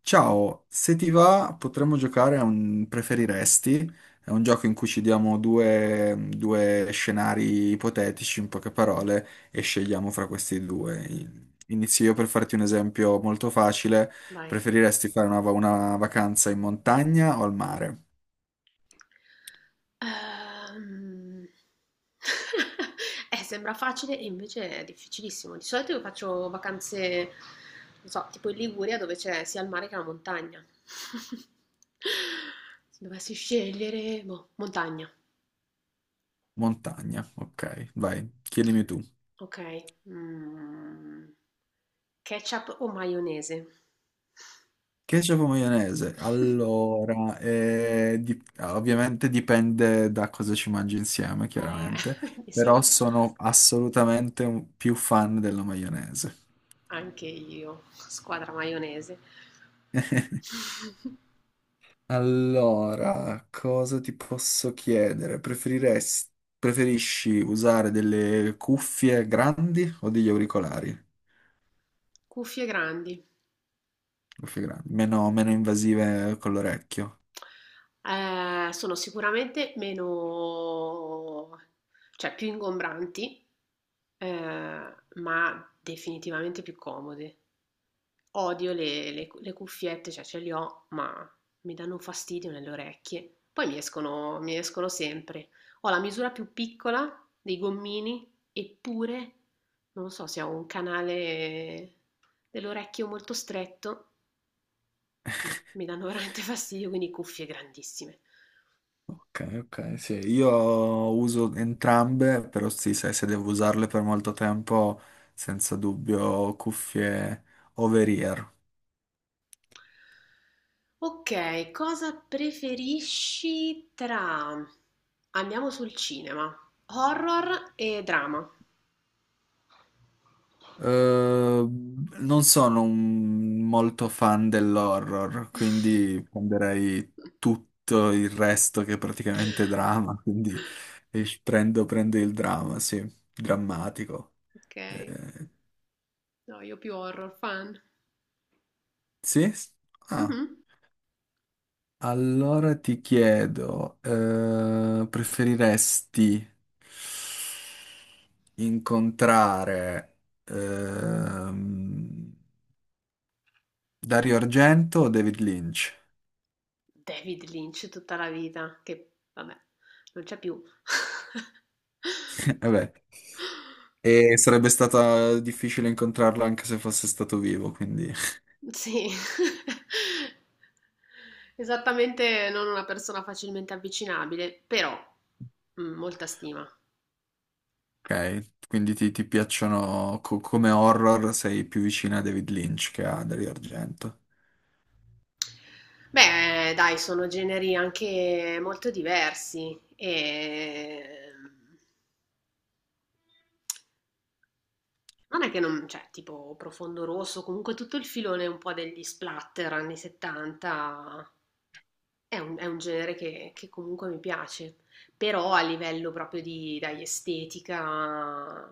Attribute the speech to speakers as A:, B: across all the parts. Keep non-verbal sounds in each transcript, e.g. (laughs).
A: Ciao, se ti va potremmo giocare a un preferiresti, è un gioco in cui ci diamo due scenari ipotetici, in poche parole, e scegliamo fra questi due. Inizio io per farti un esempio molto facile,
B: Vai.
A: preferiresti fare una vacanza in montagna o al mare?
B: Ehm, (laughs) sembra facile e invece è difficilissimo. Di solito io faccio vacanze, non so, tipo in Liguria dove c'è sia il mare che la montagna. (laughs) Se dovessi scegliere, boh, montagna.
A: Montagna, ok, vai, chiedimi tu.
B: Ok. Ketchup o maionese?
A: Ketchup o maionese? Allora, ovviamente dipende da cosa ci mangi insieme,
B: Eh,
A: chiaramente,
B: (laughs) mi
A: però
B: sono
A: sono assolutamente più fan della maionese.
B: anche io, squadra maionese.
A: (laughs)
B: (laughs)
A: Allora, cosa ti posso chiedere? Preferisci usare delle cuffie grandi o degli auricolari?
B: Cuffie grandi.
A: Cuffie grandi, meno invasive con l'orecchio.
B: Sono sicuramente meno, cioè più ingombranti, ma definitivamente più comode. Odio le le cuffiette, cioè ce le ho, ma mi danno un fastidio nelle orecchie. Poi mi escono sempre. Ho la misura più piccola dei gommini, eppure non so se ho un canale dell'orecchio molto stretto. Mi danno veramente (laughs) fastidio, quindi cuffie grandissime.
A: Ok, ok, sì, io uso entrambe, però sì, sai, se devo usarle per molto tempo, senza dubbio cuffie over-ear.
B: Ok, cosa preferisci tra... Andiamo sul cinema, horror e drama.
A: Eh, non sono molto fan dell'horror, quindi prenderei tutto il resto che è praticamente drama, (laughs) quindi prendo il dramma, sì, drammatico.
B: Ok,
A: Eh,
B: no, io più horror fan.
A: sì? Ah.
B: Mhm.
A: Allora ti chiedo, preferiresti incontrare ehm, Dario Argento o David Lynch?
B: David Lynch tutta la vita, che vabbè, non c'è più. (laughs)
A: (laughs) Vabbè, e sarebbe stata difficile incontrarlo anche se fosse stato vivo, quindi
B: Sì, (laughs) esattamente non una persona facilmente avvicinabile, però mm, molta stima.
A: ok. Quindi ti piacciono come horror, sei più vicina a David Lynch che a Dario Argento.
B: Beh, dai, sono generi anche molto diversi e non è che non, cioè, tipo Profondo Rosso, comunque tutto il filone un po' degli splatter anni 70 è un genere che comunque mi piace, però a livello proprio di, dai, estetica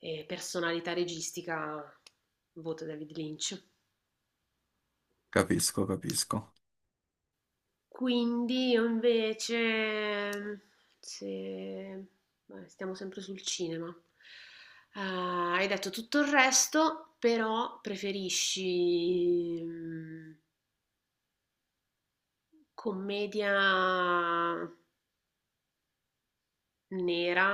B: e personalità registica, voto David Lynch.
A: Capisco, capisco.
B: Quindi io invece, mhmm, se vabbè, stiamo sempre sul cinema. Hai detto tutto il resto, però preferisci commedia nera,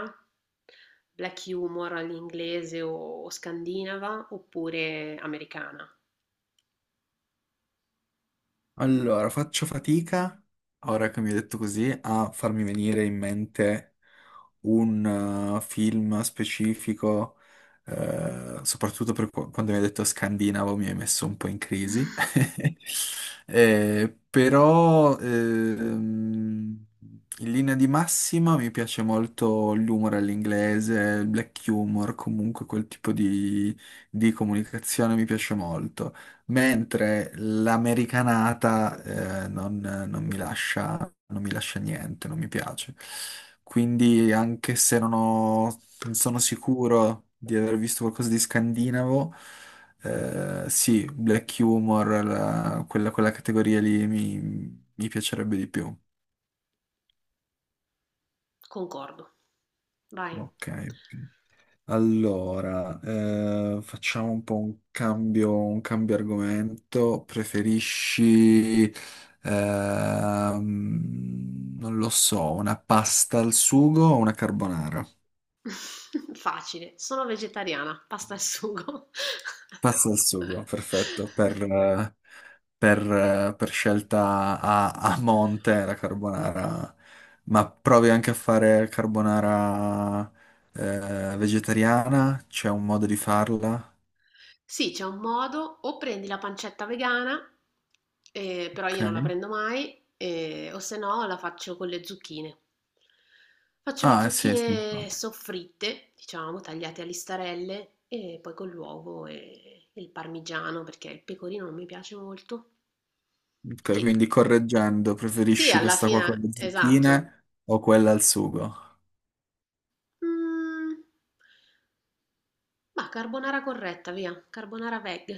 B: black humor all'inglese o scandinava, oppure americana?
A: Allora, faccio fatica, ora che mi hai detto così, a farmi venire in mente un film specifico, soprattutto per quando mi hai detto scandinavo mi hai messo un po' in crisi. (laughs) Eh, però, ehm, in linea di massima mi piace molto l'humor all'inglese, il black humor, comunque quel tipo di comunicazione mi piace molto. Mentre l'americanata non mi lascia, non mi lascia niente, non mi piace. Quindi, anche se non sono sicuro di aver visto qualcosa di scandinavo, sì, black humor, quella categoria lì mi piacerebbe di più.
B: Concordo. Vai.
A: Ok. Allora, facciamo un po' un cambio argomento. Preferisci, non lo so, una pasta al sugo o una carbonara?
B: (laughs) Facile, sono vegetariana, pasta e sugo. (laughs)
A: Pasta al sugo, perfetto. Per scelta a monte la carbonara. Ma provi anche a fare carbonara, vegetariana? C'è un modo di farla?
B: Sì, c'è un modo, o prendi la pancetta vegana, però io non la
A: Ok.
B: prendo mai, o se no la faccio con le zucchine. Faccio le
A: Ah, sì, sì.
B: zucchine soffritte, diciamo, tagliate a listarelle, e poi con l'uovo e il parmigiano, perché il pecorino non mi piace molto.
A: Ok,
B: Che
A: quindi correggendo,
B: sì,
A: preferisci
B: alla
A: questa qua con
B: fine,
A: le
B: esatto.
A: zucchine o quella al sugo?
B: Mm, carbonara corretta, via, carbonara veg.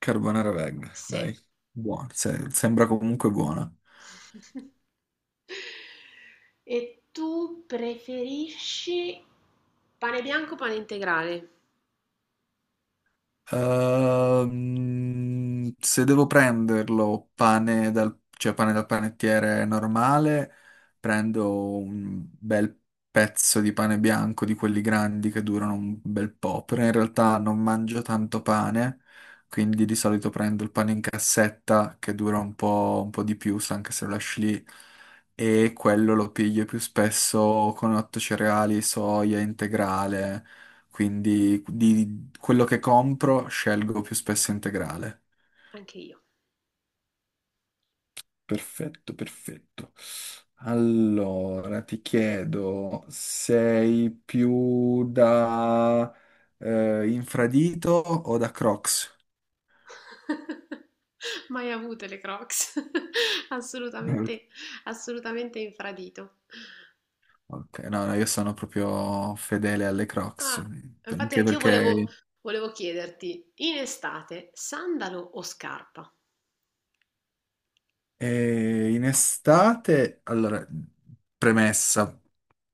A: Carbonara veg,
B: Sì.
A: dai. Buona, sembra comunque buona.
B: (laughs) E tu preferisci pane bianco o pane integrale?
A: Se devo prenderlo cioè pane dal panettiere normale, prendo un bel pezzo di pane bianco di quelli grandi che durano un bel po', però in realtà non mangio tanto pane, quindi di solito prendo il pane in cassetta che dura un po' di più, se anche se lo lasci lì, e quello lo piglio più spesso con otto cereali, soia integrale quindi di, quello che compro scelgo più spesso integrale.
B: Anche io.
A: Perfetto, perfetto. Allora, ti chiedo, sei più da... infradito o da Crocs?
B: (laughs) Mai avute le Crocs. (laughs)
A: (laughs) eh,
B: Assolutamente, assolutamente infradito.
A: Ok, no, no, io sono proprio fedele alle Crocs,
B: Ah, infatti
A: anche perché
B: volevo chiederti, in estate, sandalo o scarpa?
A: E in estate, allora, premessa,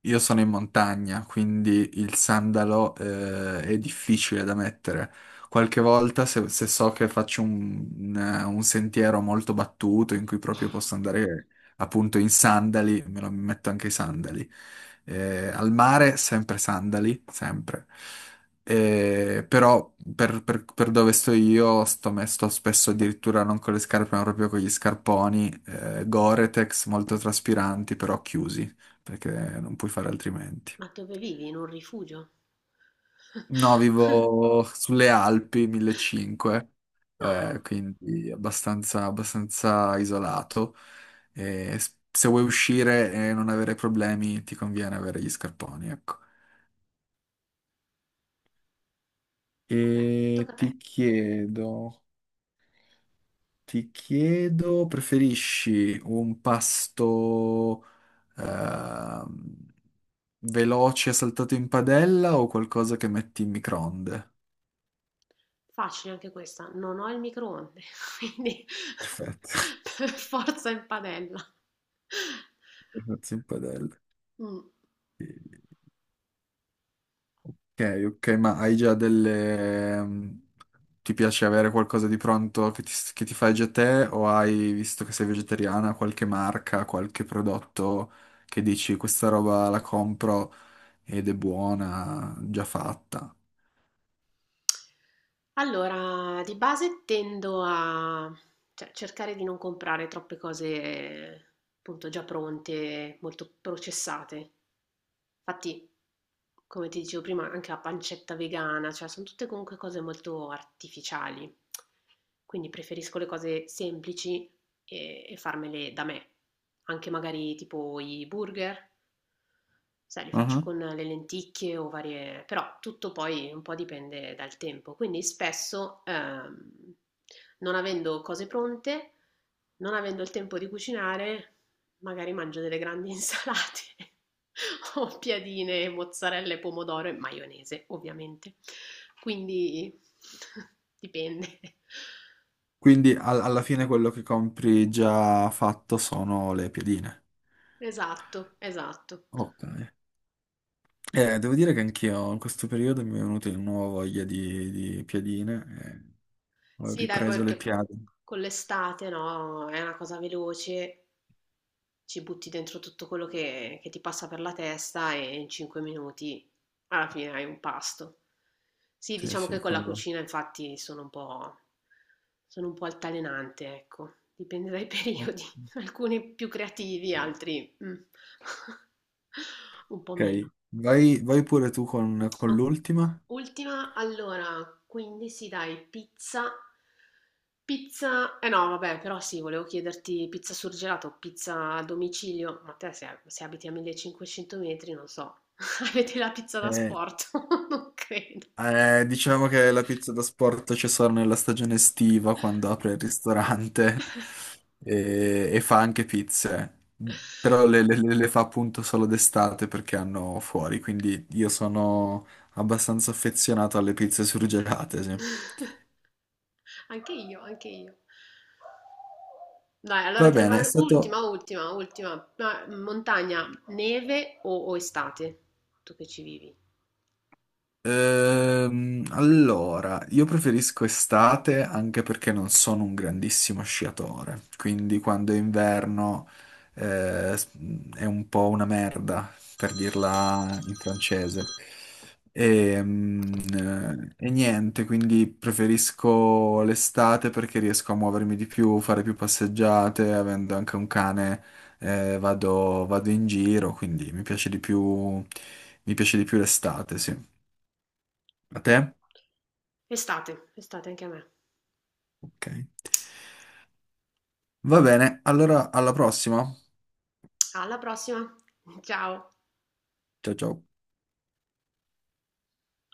A: io sono in montagna, quindi il sandalo, è difficile da mettere. Qualche volta, se so che faccio un sentiero molto battuto in cui proprio posso andare appunto in sandali, me lo metto anche i sandali. Al mare, sempre sandali, sempre. Però per dove sto io sto, me- sto spesso addirittura non con le scarpe ma proprio con gli scarponi Gore-Tex molto traspiranti però chiusi perché non puoi fare altrimenti.
B: Ma dove vivi? In un rifugio? (laughs)
A: No, vivo sulle Alpi 1500 metri
B: Ah,
A: quindi abbastanza, abbastanza isolato e se vuoi uscire e non avere problemi ti conviene avere gli scarponi, ecco.
B: ok,
A: E
B: tocca a
A: ti
B: te.
A: chiedo. Ti chiedo, preferisci un pasto ehm, veloce saltato in padella o qualcosa che metti in microonde?
B: Facile anche questa, non ho il microonde, quindi
A: Perfetto. (laughs)
B: (laughs) per forza in padella.
A: Saltato in padella.
B: Mm.
A: Ok, ok, ma hai già delle... ti piace avere qualcosa di pronto che che ti fai già te o hai, visto che sei vegetariana, qualche marca, qualche prodotto che dici questa roba la compro ed è buona, già fatta?
B: Allora, di base tendo a, cioè, cercare di non comprare troppe cose appunto già pronte, molto processate. Infatti, come ti dicevo prima, anche la pancetta vegana, cioè sono tutte comunque cose molto artificiali. Quindi preferisco le cose semplici e farmele da me. Anche magari tipo i burger, sai, li faccio con le lenticchie o varie... Però tutto poi un po' dipende dal tempo. Quindi spesso, non avendo cose pronte, non avendo il tempo di cucinare, magari mangio delle grandi insalate (laughs) o piadine, mozzarella, pomodoro e maionese, ovviamente. Quindi (laughs) dipende.
A: Quindi alla fine quello che compri già fatto sono le piedine.
B: Esatto, esatto.
A: Ok. Devo dire che anch'io in questo periodo mi è venuta di nuovo di piadine. Eh, ho
B: Sì, dai, poi
A: ripreso le
B: perché
A: piade.
B: con l'estate, no, è una cosa veloce, ci butti dentro tutto quello che ti passa per la testa e in 5 minuti alla fine hai un pasto. Sì,
A: Sì,
B: diciamo
A: sì,
B: che con la
A: con lo...
B: cucina infatti sono un po' altalenante, ecco, dipende dai (laughs)
A: Ok,
B: periodi, alcuni più creativi, altri mm, (laughs) un po' meno.
A: vai, vai pure tu
B: O
A: con l'ultima.
B: ultima, allora, quindi sì dai, pizza, pizza, eh no vabbè, però sì, volevo chiederti pizza surgelata o pizza a domicilio, ma te se, se abiti a 1500 metri, non so, (laughs) avete la pizza da
A: Eh,
B: sport? (laughs) Non credo.
A: Diciamo che la pizza da sport c'è solo nella stagione estiva, quando apre il ristorante (laughs) e fa anche pizze. Però le fa appunto solo d'estate perché hanno fuori, quindi io sono abbastanza affezionato alle pizze surgelate, sì.
B: Anche io, anche io. Dai, allora
A: Va
B: te ne
A: bene, è
B: vai, ultima,
A: stato
B: ultima, ultima. Ma, montagna, neve o estate? Tu che ci vivi?
A: Allora, io preferisco estate anche perché non sono un grandissimo sciatore, quindi quando è inverno eh, s- è un po' una merda, per dirla in francese. Ehm, niente, quindi preferisco l'estate perché riesco a muovermi di più, fare più passeggiate, avendo anche un cane, vado in giro, quindi mi piace di più, mi piace di più l'estate, sì. A te?
B: Estate, estate anche a me.
A: Ok. Va bene, allora alla prossima.
B: Alla prossima, ciao.
A: Ciao ciao.